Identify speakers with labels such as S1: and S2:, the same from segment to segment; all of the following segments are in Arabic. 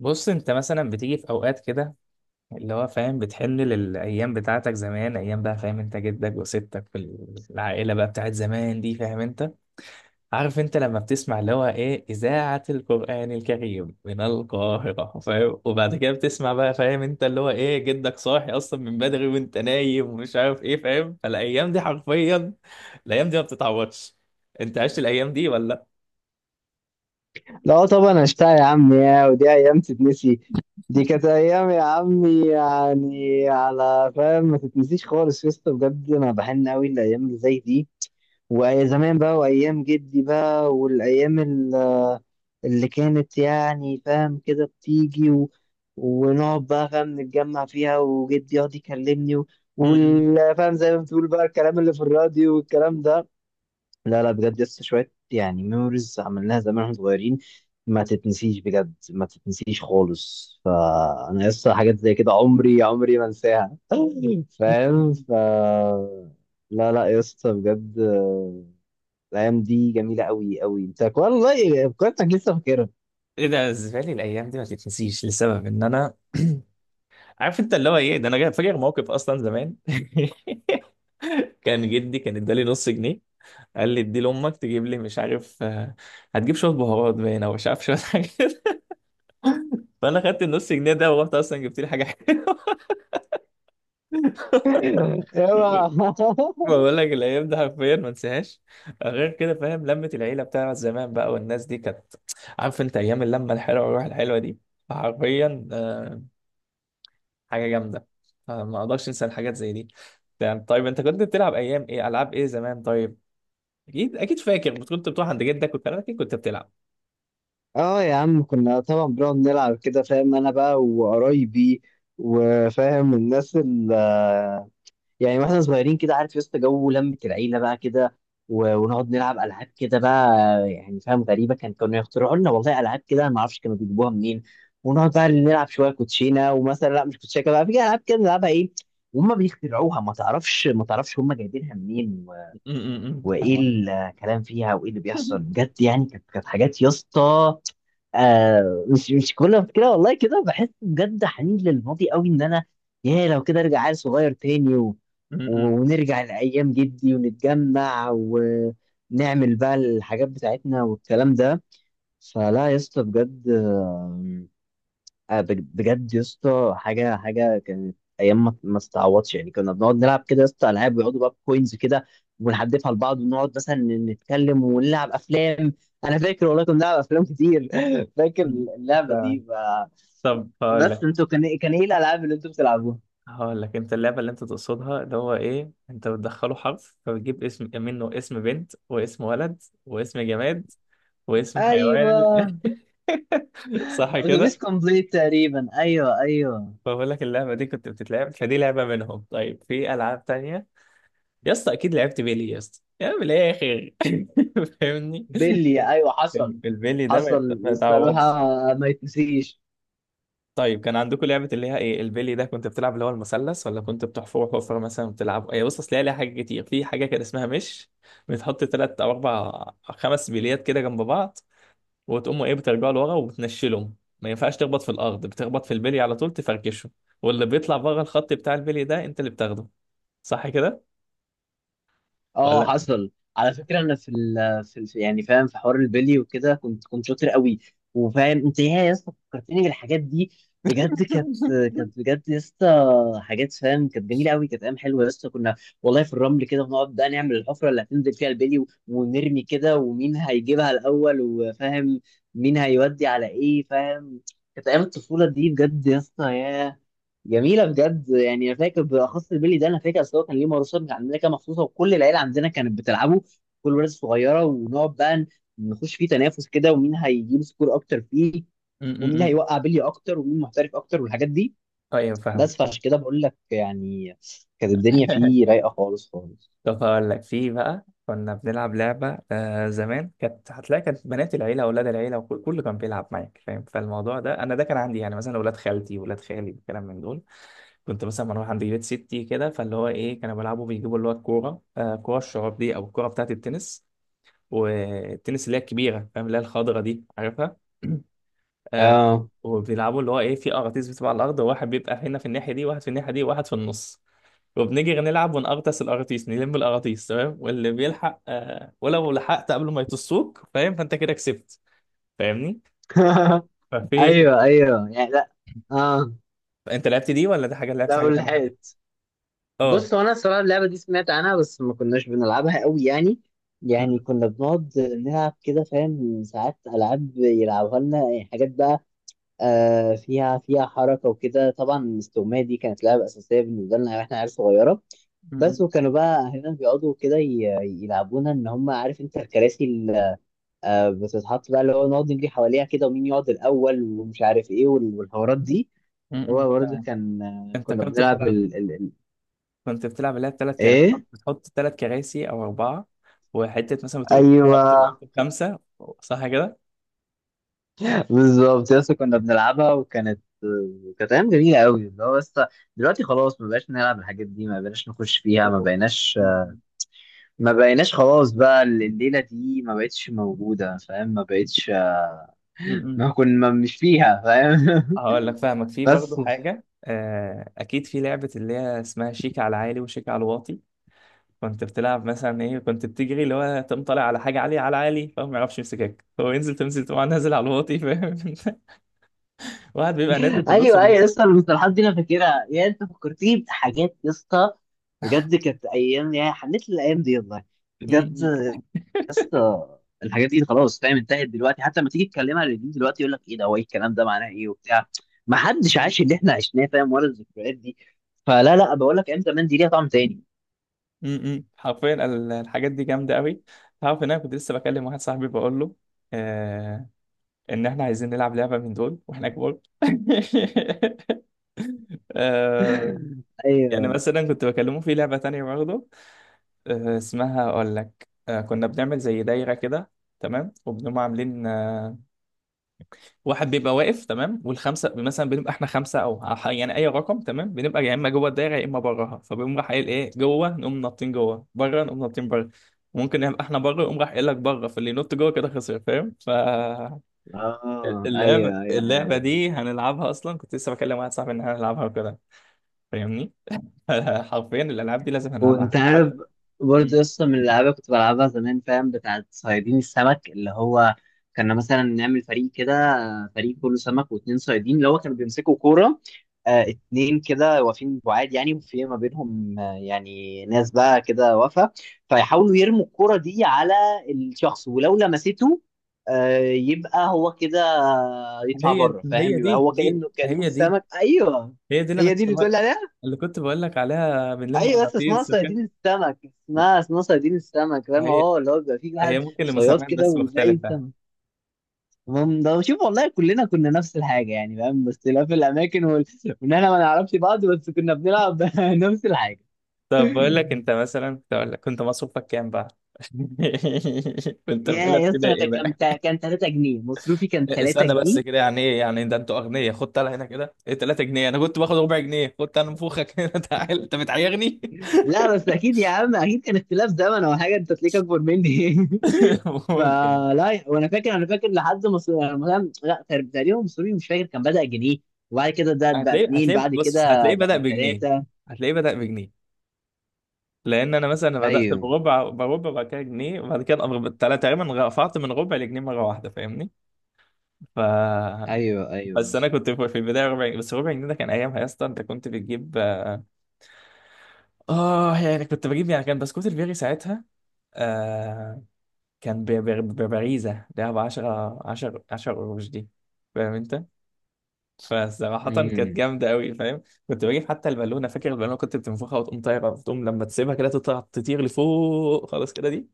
S1: بص انت مثلا بتيجي في اوقات كده اللي هو فاهم، بتحن للايام بتاعتك زمان، ايام بقى فاهم، انت جدك وستك في العائله بقى بتاعت زمان دي، فاهم انت؟ عارف انت لما بتسمع اللي هو ايه اذاعه القران الكريم من القاهره فاهم؟ وبعد كده بتسمع بقى فاهم انت اللي هو ايه، جدك صاحي اصلا من بدري وانت نايم ومش عارف ايه فاهم؟ فالايام دي حرفيا الايام دي ما بتتعوضش. انت عشت الايام دي ولا؟
S2: لا طبعا اشتاق يا عم، يا ودي ايام تتنسي. دي كانت ايام يا عمي، يعني على فاهم ما تتنسيش خالص يا اسطى، بجد انا بحن قوي الايام اللي زي دي، وايام زمان بقى وايام جدي بقى، والايام اللي كانت يعني فاهم كده بتيجي ونقعد بقى فاهم نتجمع فيها، وجدي يقعد يكلمني
S1: م- م-
S2: فاهم زي ما بتقول بقى الكلام اللي في الراديو والكلام ده. لا لا بجد لسه شوية، يعني ميموريز عملناها زمان واحنا صغيرين، ما تتنسيش بجد، ما تتنسيش خالص. فأنا لسه حاجات زي كده عمري عمري ما انساها
S1: م- م-
S2: فاهم.
S1: م.
S2: لا لا يا اسطى بجد، آه، الأيام دي جميلة أوي أوي. أنت والله فكرتك، لسه فاكرها.
S1: ايه ده؟ بالنسبه لي الايام دي ما تتنسيش لسبب ان انا عارف انت اللي هو ايه، ده انا فاكر موقف اصلا زمان كان جدي كان ادالي نص جنيه، قال لي ادي لامك تجيب لي مش عارف آه، هتجيب شويه بهارات باين او مش عارف شويه حاجه كده. فانا خدت النص جنيه ده ورحت اصلا جبت لي حاجه حلوه.
S2: اوعى.
S1: بقول لك الايام دي حرفيا ما انساهاش. غير كده فاهم، لمه العيله بتاعت زمان بقى والناس دي كانت عارف انت، ايام اللمه الحلوه والروح الحلوه دي حرفيا آه، حاجه جامده. آه، ما اقدرش انسى الحاجات زي دي. يعني طيب انت كنت بتلعب ايام ايه؟ العاب ايه زمان طيب؟ اكيد اكيد فاكر كنت بتروح عند جدك وكان اكيد كنت بتلعب.
S2: اه يا عم، كنا طبعا بنقعد نلعب كده فاهم، انا بقى وقرايبي وفاهم الناس، يعني واحنا صغيرين كده، عارف يا اسطى جو لمة العيلة بقى كده ونقعد نلعب ألعاب كده بقى، يعني فاهم غريبة كانوا يخترعوا لنا والله ألعاب كده، أنا ما أعرفش كانوا بيجيبوها منين. ونقعد بقى نلعب شوية كوتشينة، ومثلا لا، مش كوتشينة، كده بقى في ألعاب كده نلعبها إيه، وهم بيخترعوها ما تعرفش ما تعرفش هم جايبينها منين،
S1: فاهمة.
S2: وايه
S1: فاهمة.
S2: الكلام فيها وايه اللي بيحصل بجد. يعني كانت حاجات يا اسطى، آه مش كل ما كده والله، كده بحس بجد حنين للماضي قوي ان انا يا لو كده ارجع عيل صغير تاني
S1: م. م-
S2: ونرجع لايام جدي ونتجمع ونعمل بقى الحاجات بتاعتنا والكلام ده. فلا يا اسطى بجد، آه، آه، بجد يا اسطى، حاجه كانت ايام ما استعوضش، يعني كنا بنقعد نلعب كده يا اسطى العاب، ويقعدوا بقى بكوينز كده ونحدفها لبعض، ونقعد مثلا نتكلم ونلعب افلام. انا فاكر والله كنا بنلعب افلام كتير فاكر
S1: م.
S2: اللعبه
S1: فاهمة.
S2: دي بقى.
S1: طب هقول
S2: بس
S1: لك
S2: انتوا كان ايه الالعاب اللي انتوا بتلعبوها؟
S1: هقول لك، انت اللعبه اللي انت تقصدها اللي هو ايه، انت بتدخله حرف فبتجيب اسم منه، اسم بنت واسم ولد واسم جماد واسم حيوان.
S2: ايوه،
S1: صح
S2: اتوبيس
S1: كده؟
S2: كومبليت تقريبا، ايوه ايوه.
S1: فبقول لك اللعبه دي كنت بتتلعب، فدي لعبه منهم. طيب في العاب تانية يا اسطى؟ اكيد لعبت بيلي يا اسطى، يا من الاخر فاهمني؟
S2: بيلي ايوه، حصل،
S1: البيلي ده
S2: حصل.
S1: ما يتعوضش.
S2: الصراحه ما يتنسيش.
S1: طيب كان عندكم لعبة اللي هي ايه، البيلي ده كنت بتلعب اللي هو المثلث، ولا كنت بتحفر حفرة مثلا؟ بتلعب ايه؟ بص اصل هي ليها حاجات كتير. في حاجة كان اسمها مش بتحط تلات او اربع خمس بليات كده جنب بعض، وتقوموا ايه، بترجعوا لورا وبتنشلهم. ما ينفعش تخبط في الارض، بتخبط في البلي على طول تفركشه، واللي بيطلع بره الخط بتاع البلي ده انت اللي بتاخده. صح كده
S2: اه
S1: ولا؟
S2: حصل. على فكره انا في ال يعني فاهم، في حوار البلي وكده كنت شاطر قوي. وفاهم انت ايه يا اسطى، فكرتني بالحاجات دي، بجد كانت بجد يا اسطى حاجات فاهم، كانت جميله قوي، كانت ايام حلوه يا اسطى. كنا والله في الرمل كده بنقعد بقى نعمل الحفره اللي هتنزل فيها البلي ونرمي كده، ومين هيجيبها الاول وفاهم مين هيودي على ايه فاهم. كانت ايام الطفوله دي بجد يا اسطى، ياه جميله بجد. يعني انا فاكر بالاخص البيلي ده، انا فاكر اصل هو كان ليه مارشات عندنا كده مخصوصه، وكل العيله عندنا كانت بتلعبه، كل ولاد صغيره، ونقعد بقى نخش فيه تنافس كده، ومين هيجيب سكور اكتر فيه،
S1: م -م
S2: ومين
S1: -م.
S2: هيوقع بلي اكتر، ومين محترف اكتر والحاجات دي.
S1: طيب فاهمك.
S2: بس فعشان كده بقول لك يعني، كانت الدنيا فيه رايقه خالص خالص.
S1: طب هقول لك، في بقى كنا بنلعب لعبة آه زمان، كانت هتلاقي كانت بنات العيلة، أولاد العيلة، وكل كله كان بيلعب معاك فاهم؟ فالموضوع ده أنا ده كان عندي يعني مثلا أولاد خالتي، ولاد خالي، الكلام من دول. كنت مثلا بروح عند بيت ستي كده، فاللي هو إيه، كانوا بيلعبوا بيجيبوا اللي هو الكورة آه، كورة الشراب دي أو الكورة بتاعة التنس، والتنس اللي هي الكبيرة فاهم، اللي هي الخضرة دي، عارفها؟ آه.
S2: اه
S1: وبيلعبوا اللي هو إيه، في أراضيز بتبقى على الأرض، وواحد بيبقى هنا في الناحية دي، واحد في الناحية دي، واحد في النص. وبنيجي نلعب ونقرطس القراطيس، نلم القراطيس تمام، واللي بيلحق آه، ولو لحقت قبل ما يطسوك فاهم، فانت كده كسبت. فاهمني؟ ففي،
S2: ايوه ايوه، يعني لا، اه.
S1: انت لعبت دي ولا دي، حاجه لعبت
S2: لا
S1: حاجه تانية كده؟
S2: والحقيقة،
S1: اه.
S2: بص هو انا الصراحه اللعبه دي سمعت عنها، بس ما كناش بنلعبها قوي يعني. يعني
S1: م-
S2: كنا بنقعد نلعب كده فاهم، ساعات العاب يلعبوها لنا يعني، حاجات بقى آه فيها حركه وكده. طبعا الاستغمايه دي كانت لعبه اساسيه بالنسبه لنا واحنا عيال صغيره،
S1: م-
S2: بس.
S1: م-
S2: وكانوا بقى اهلنا بيقعدوا كده يلعبونا، ان هم عارف انت الكراسي اللي آه بتتحط بقى، اللي هو نقعد نجري حواليها كده، ومين يقعد الاول ومش عارف ايه والحوارات دي.
S1: م-
S2: هو برضه
S1: م.
S2: كان آه،
S1: انت
S2: كنا
S1: كنت
S2: بنلعب
S1: بتلعب، كنت بتلعب اللي هي بثلاث كراسي،
S2: ايه،
S1: بتحط ثلاث كراسي او اربعه، وحته مثلا بتقول،
S2: ايوه
S1: بتقول خمسه. صح كده؟
S2: بالظبط يس، كنا بنلعبها، وكانت كانت ايام جميله قوي، اللي هو بس دلوقتي خلاص ما بقاش نلعب الحاجات دي، ما بقيناش نخش فيها، ما
S1: طب
S2: بقيناش.
S1: م-
S2: ما بقيناش خلاص بقى، الليله دي ما بقتش موجوده فاهم، ما بقتش،
S1: م- م.
S2: ما كنا مش فيها فاهم.
S1: هقول لك، فاهمك في برضو
S2: بس.
S1: حاجة آه، أكيد في لعبة اللي هي اسمها شيك على عالي وشيك على واطي. كنت بتلعب مثلا ايه، كنت بتجري اللي هو تقوم طالع على حاجه عاليه، على عالي فهو ما يعرفش يمسكك، هو ينزل تنزل تقوم نازل على الواطي فاهم واحد بيبقى نازل في النص
S2: ايوه ايوه
S1: بيجري.
S2: لسه المصطلحات دي انا فاكرها، يا انت فكرتني بحاجات يا اسطى، بجد كانت ايام، يا حنيت للايام دي والله،
S1: م-
S2: بجد اسطى. الحاجات دي خلاص فاهم انتهت دلوقتي، حتى لما تيجي تكلمها للجيل دلوقتي يقول لك ايه ده، هو ايه الكلام ده، معناه ايه وبتاع، ما حدش
S1: م-
S2: عاش اللي احنا عشناه فاهم، ولا الذكريات دي. فلا لا بقول لك، ايام زمان دي ليها طعم تاني.
S1: م- م. حرفيا الحاجات دي جامده قوي. تعرف ان انا كنت لسه بكلم واحد صاحبي بقول له آه، ان احنا عايزين نلعب لعبه من دول واحنا كبار آه يعني
S2: ايوه،
S1: مثلا كنت بكلمه في لعبه تانية برضه آه، اسمها اقول لك آه، كنا بنعمل زي دايره كده تمام، وبنقوم عاملين آه، واحد بيبقى واقف تمام، والخمسه مثلا بنبقى احنا خمسه او يعني اي رقم تمام، بنبقى يا اما جوه الدايره يا اما براها. فبيقوم راح قايل ايه، جوه نقوم نطين جوه، بره نقوم نطين بره. ممكن نبقى احنا بره يقوم راح قايل لك بره، فاللي ينط جوه كده خسر فاهم؟ ف
S2: اه، ايوه ايوه
S1: اللعبه
S2: عارف.
S1: دي هنلعبها اصلا. كنت لسه بكلم واحد صاحبي ان احنا هنلعبها وكده، فاهمني؟ حرفيا الالعاب دي لازم
S2: وانت
S1: هنلعبها
S2: عارف
S1: حتى.
S2: برضه
S1: مم.
S2: قصة من الألعاب كنت بلعبها زمان فاهم، بتاعت صيادين السمك، اللي هو كنا مثلا نعمل فريق كده، فريق كله سمك واتنين صيادين، اللي هو كانوا بيمسكوا كورة آه، اتنين كده واقفين بعاد يعني، وفي ما بينهم آه يعني ناس بقى كده واقفة، فيحاولوا يرموا الكورة دي على الشخص، ولو لمسته آه يبقى هو كده يطلع
S1: هي
S2: بره
S1: هي
S2: فاهم، يبقى
S1: دي،
S2: هو
S1: هي
S2: كأنه كأنهم
S1: هي دي
S2: سمك، أيوه.
S1: هي دي اللي انا
S2: هي دي
S1: كنت
S2: اللي
S1: بقول،
S2: بتقول عليها،
S1: اللي كنت بقول لك عليها بنلم
S2: ايوه بس اسمها
S1: مغناطيس وكده.
S2: صيادين السمك، اسمها، اسمها صيادين السمك فاهم،
S1: هي
S2: اه اللي هو بيبقى فيه
S1: هي
S2: واحد
S1: ممكن
S2: صياد
S1: لمسميات
S2: كده
S1: بس
S2: ويلاقي
S1: مختلفة.
S2: السمك. المهم، ده شوف والله كلنا كنا نفس الحاجه يعني فاهم، بس اختلاف الاماكن وان احنا ما نعرفش بعض، بس كنا بنلعب نفس الحاجه.
S1: طب بقول لك، انت مثلا كنت اقول لك، كنت مصروفك كام بقى؟ كنت في اولى
S2: يا يا اسطى
S1: ابتدائي
S2: ده كان
S1: بقى.
S2: كان 3 جنيه مصروفي، كان 3
S1: استنى بس
S2: جنيه
S1: كده، يعني ايه يعني، ده انتوا اغنياء! خد تعالى هنا كده، ايه 3 جنيه؟ انا كنت باخد ربع جنيه، خد تعالى نفوخك هنا تعال انت بتعيرني!
S2: لا بس اكيد يا عم، اكيد كان اختلاف زمن او حاجه، انت تلاقيك اكبر مني
S1: ممكن.
S2: فلا. وانا فاكر، انا فاكر لحد مصر مثلا، لا تقريباً مصري مش فاكر، كان بدأ جنيه، وبعد كده ده بقى
S1: هتلاقيه
S2: اتنين،
S1: هتلاقيه
S2: بعد
S1: بص،
S2: كده
S1: هتلاقيه بدأ
S2: بقى
S1: بجنيه،
S2: تلاتة.
S1: هتلاقيه بدأ بجنيه. لان انا مثلا بدأت
S2: ايوه
S1: بربع، بربع بعد كده جنيه، وبعد كده تقريبا رفعت من ربع لجنيه مرة واحدة، فاهمني؟ ف
S2: ايوه ايوه
S1: بس انا
S2: بس.
S1: كنت في البدايه ربع جنيه بس، ربع جنيه ده كان ايامها يا اسطى انت كنت بتجيب اه آه، يعني كنت بجيب يعني، كان بسكوت البيري ساعتها آه، كان ببريزه، ده ب 10 قروش دي فاهم انت؟ فصراحه كانت
S2: امم
S1: جامده قوي فاهم. كنت بجيب حتى البالونه، فاكر البالونه؟ كنت بتنفخها وتقوم طايره، وتقوم لما تسيبها كده تطلع تطير لفوق خلاص كده دي.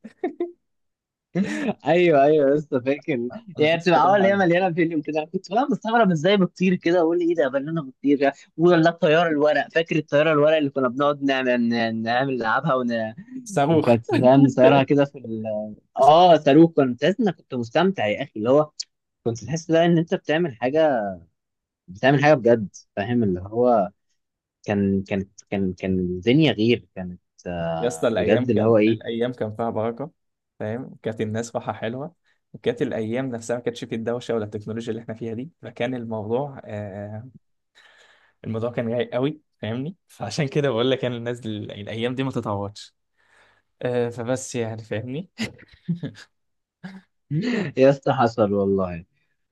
S2: ايوه ايوه لسه فاكر.
S1: انا
S2: يعني
S1: فلوس كده
S2: بتبقى
S1: راحت
S2: عوال هي
S1: عليا.
S2: مليانه فيلم كده، كنت بقى مستغرب ازاي بتطير كده، واقول ايه ده، بنانا بتطير. ولا الطياره الورق، فاكر الطياره الورق اللي كنا بنقعد نعمل نلعبها
S1: صاروخ.
S2: وكانت فاهم نصيرها كده في اه صاروخ، كنت تحس انك كنت مستمتع يا اخي، اللي هو كنت تحس بقى ان انت بتعمل حاجه، بتعمل حاجه بجد فاهم، اللي هو كان كانت كان كان الدنيا غير، كانت
S1: يا
S2: آه،
S1: اسطى الايام،
S2: بجد اللي
S1: كان
S2: هو ايه.
S1: الايام كان فيها بركه فاهم، كانت الناس راحه حلوه. وكانت الايام نفسها ما كانتش فيه الدوشه ولا التكنولوجيا اللي احنا فيها دي، فكان الموضوع آه، الموضوع كان رايق قوي فاهمني؟ فعشان كده بقول لك انا، الناس دل... الايام دي ما تتعوضش، آه. فبس يعني، فاهمني؟
S2: يا اسطى حصل والله،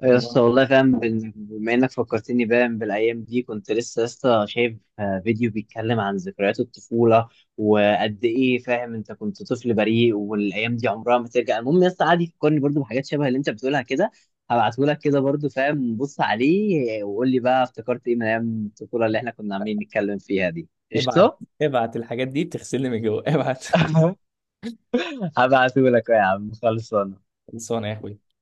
S2: يا اسطى
S1: المهم،
S2: والله فاهم، بما انك فكرتني باين بالايام دي، كنت لسه يا اسطى شايف آه، فيديو بيتكلم عن ذكريات الطفوله، وقد ايه فاهم انت كنت طفل بريء، والايام دي عمرها ما ترجع. المهم يا اسطى، قعد يفكرني برضو بحاجات شبه اللي انت بتقولها كده، هبعته لك كده برضو فاهم، بص عليه وقول لي بقى افتكرت ايه من ايام الطفوله اللي احنا كنا عاملين نتكلم فيها دي.
S1: ابعت،
S2: قشطه.
S1: ابعت الحاجات دي بتغسلني من جوه، ابعت.
S2: هبعته لك يا عم، خلصان.
S1: خلصانه يا اخوي.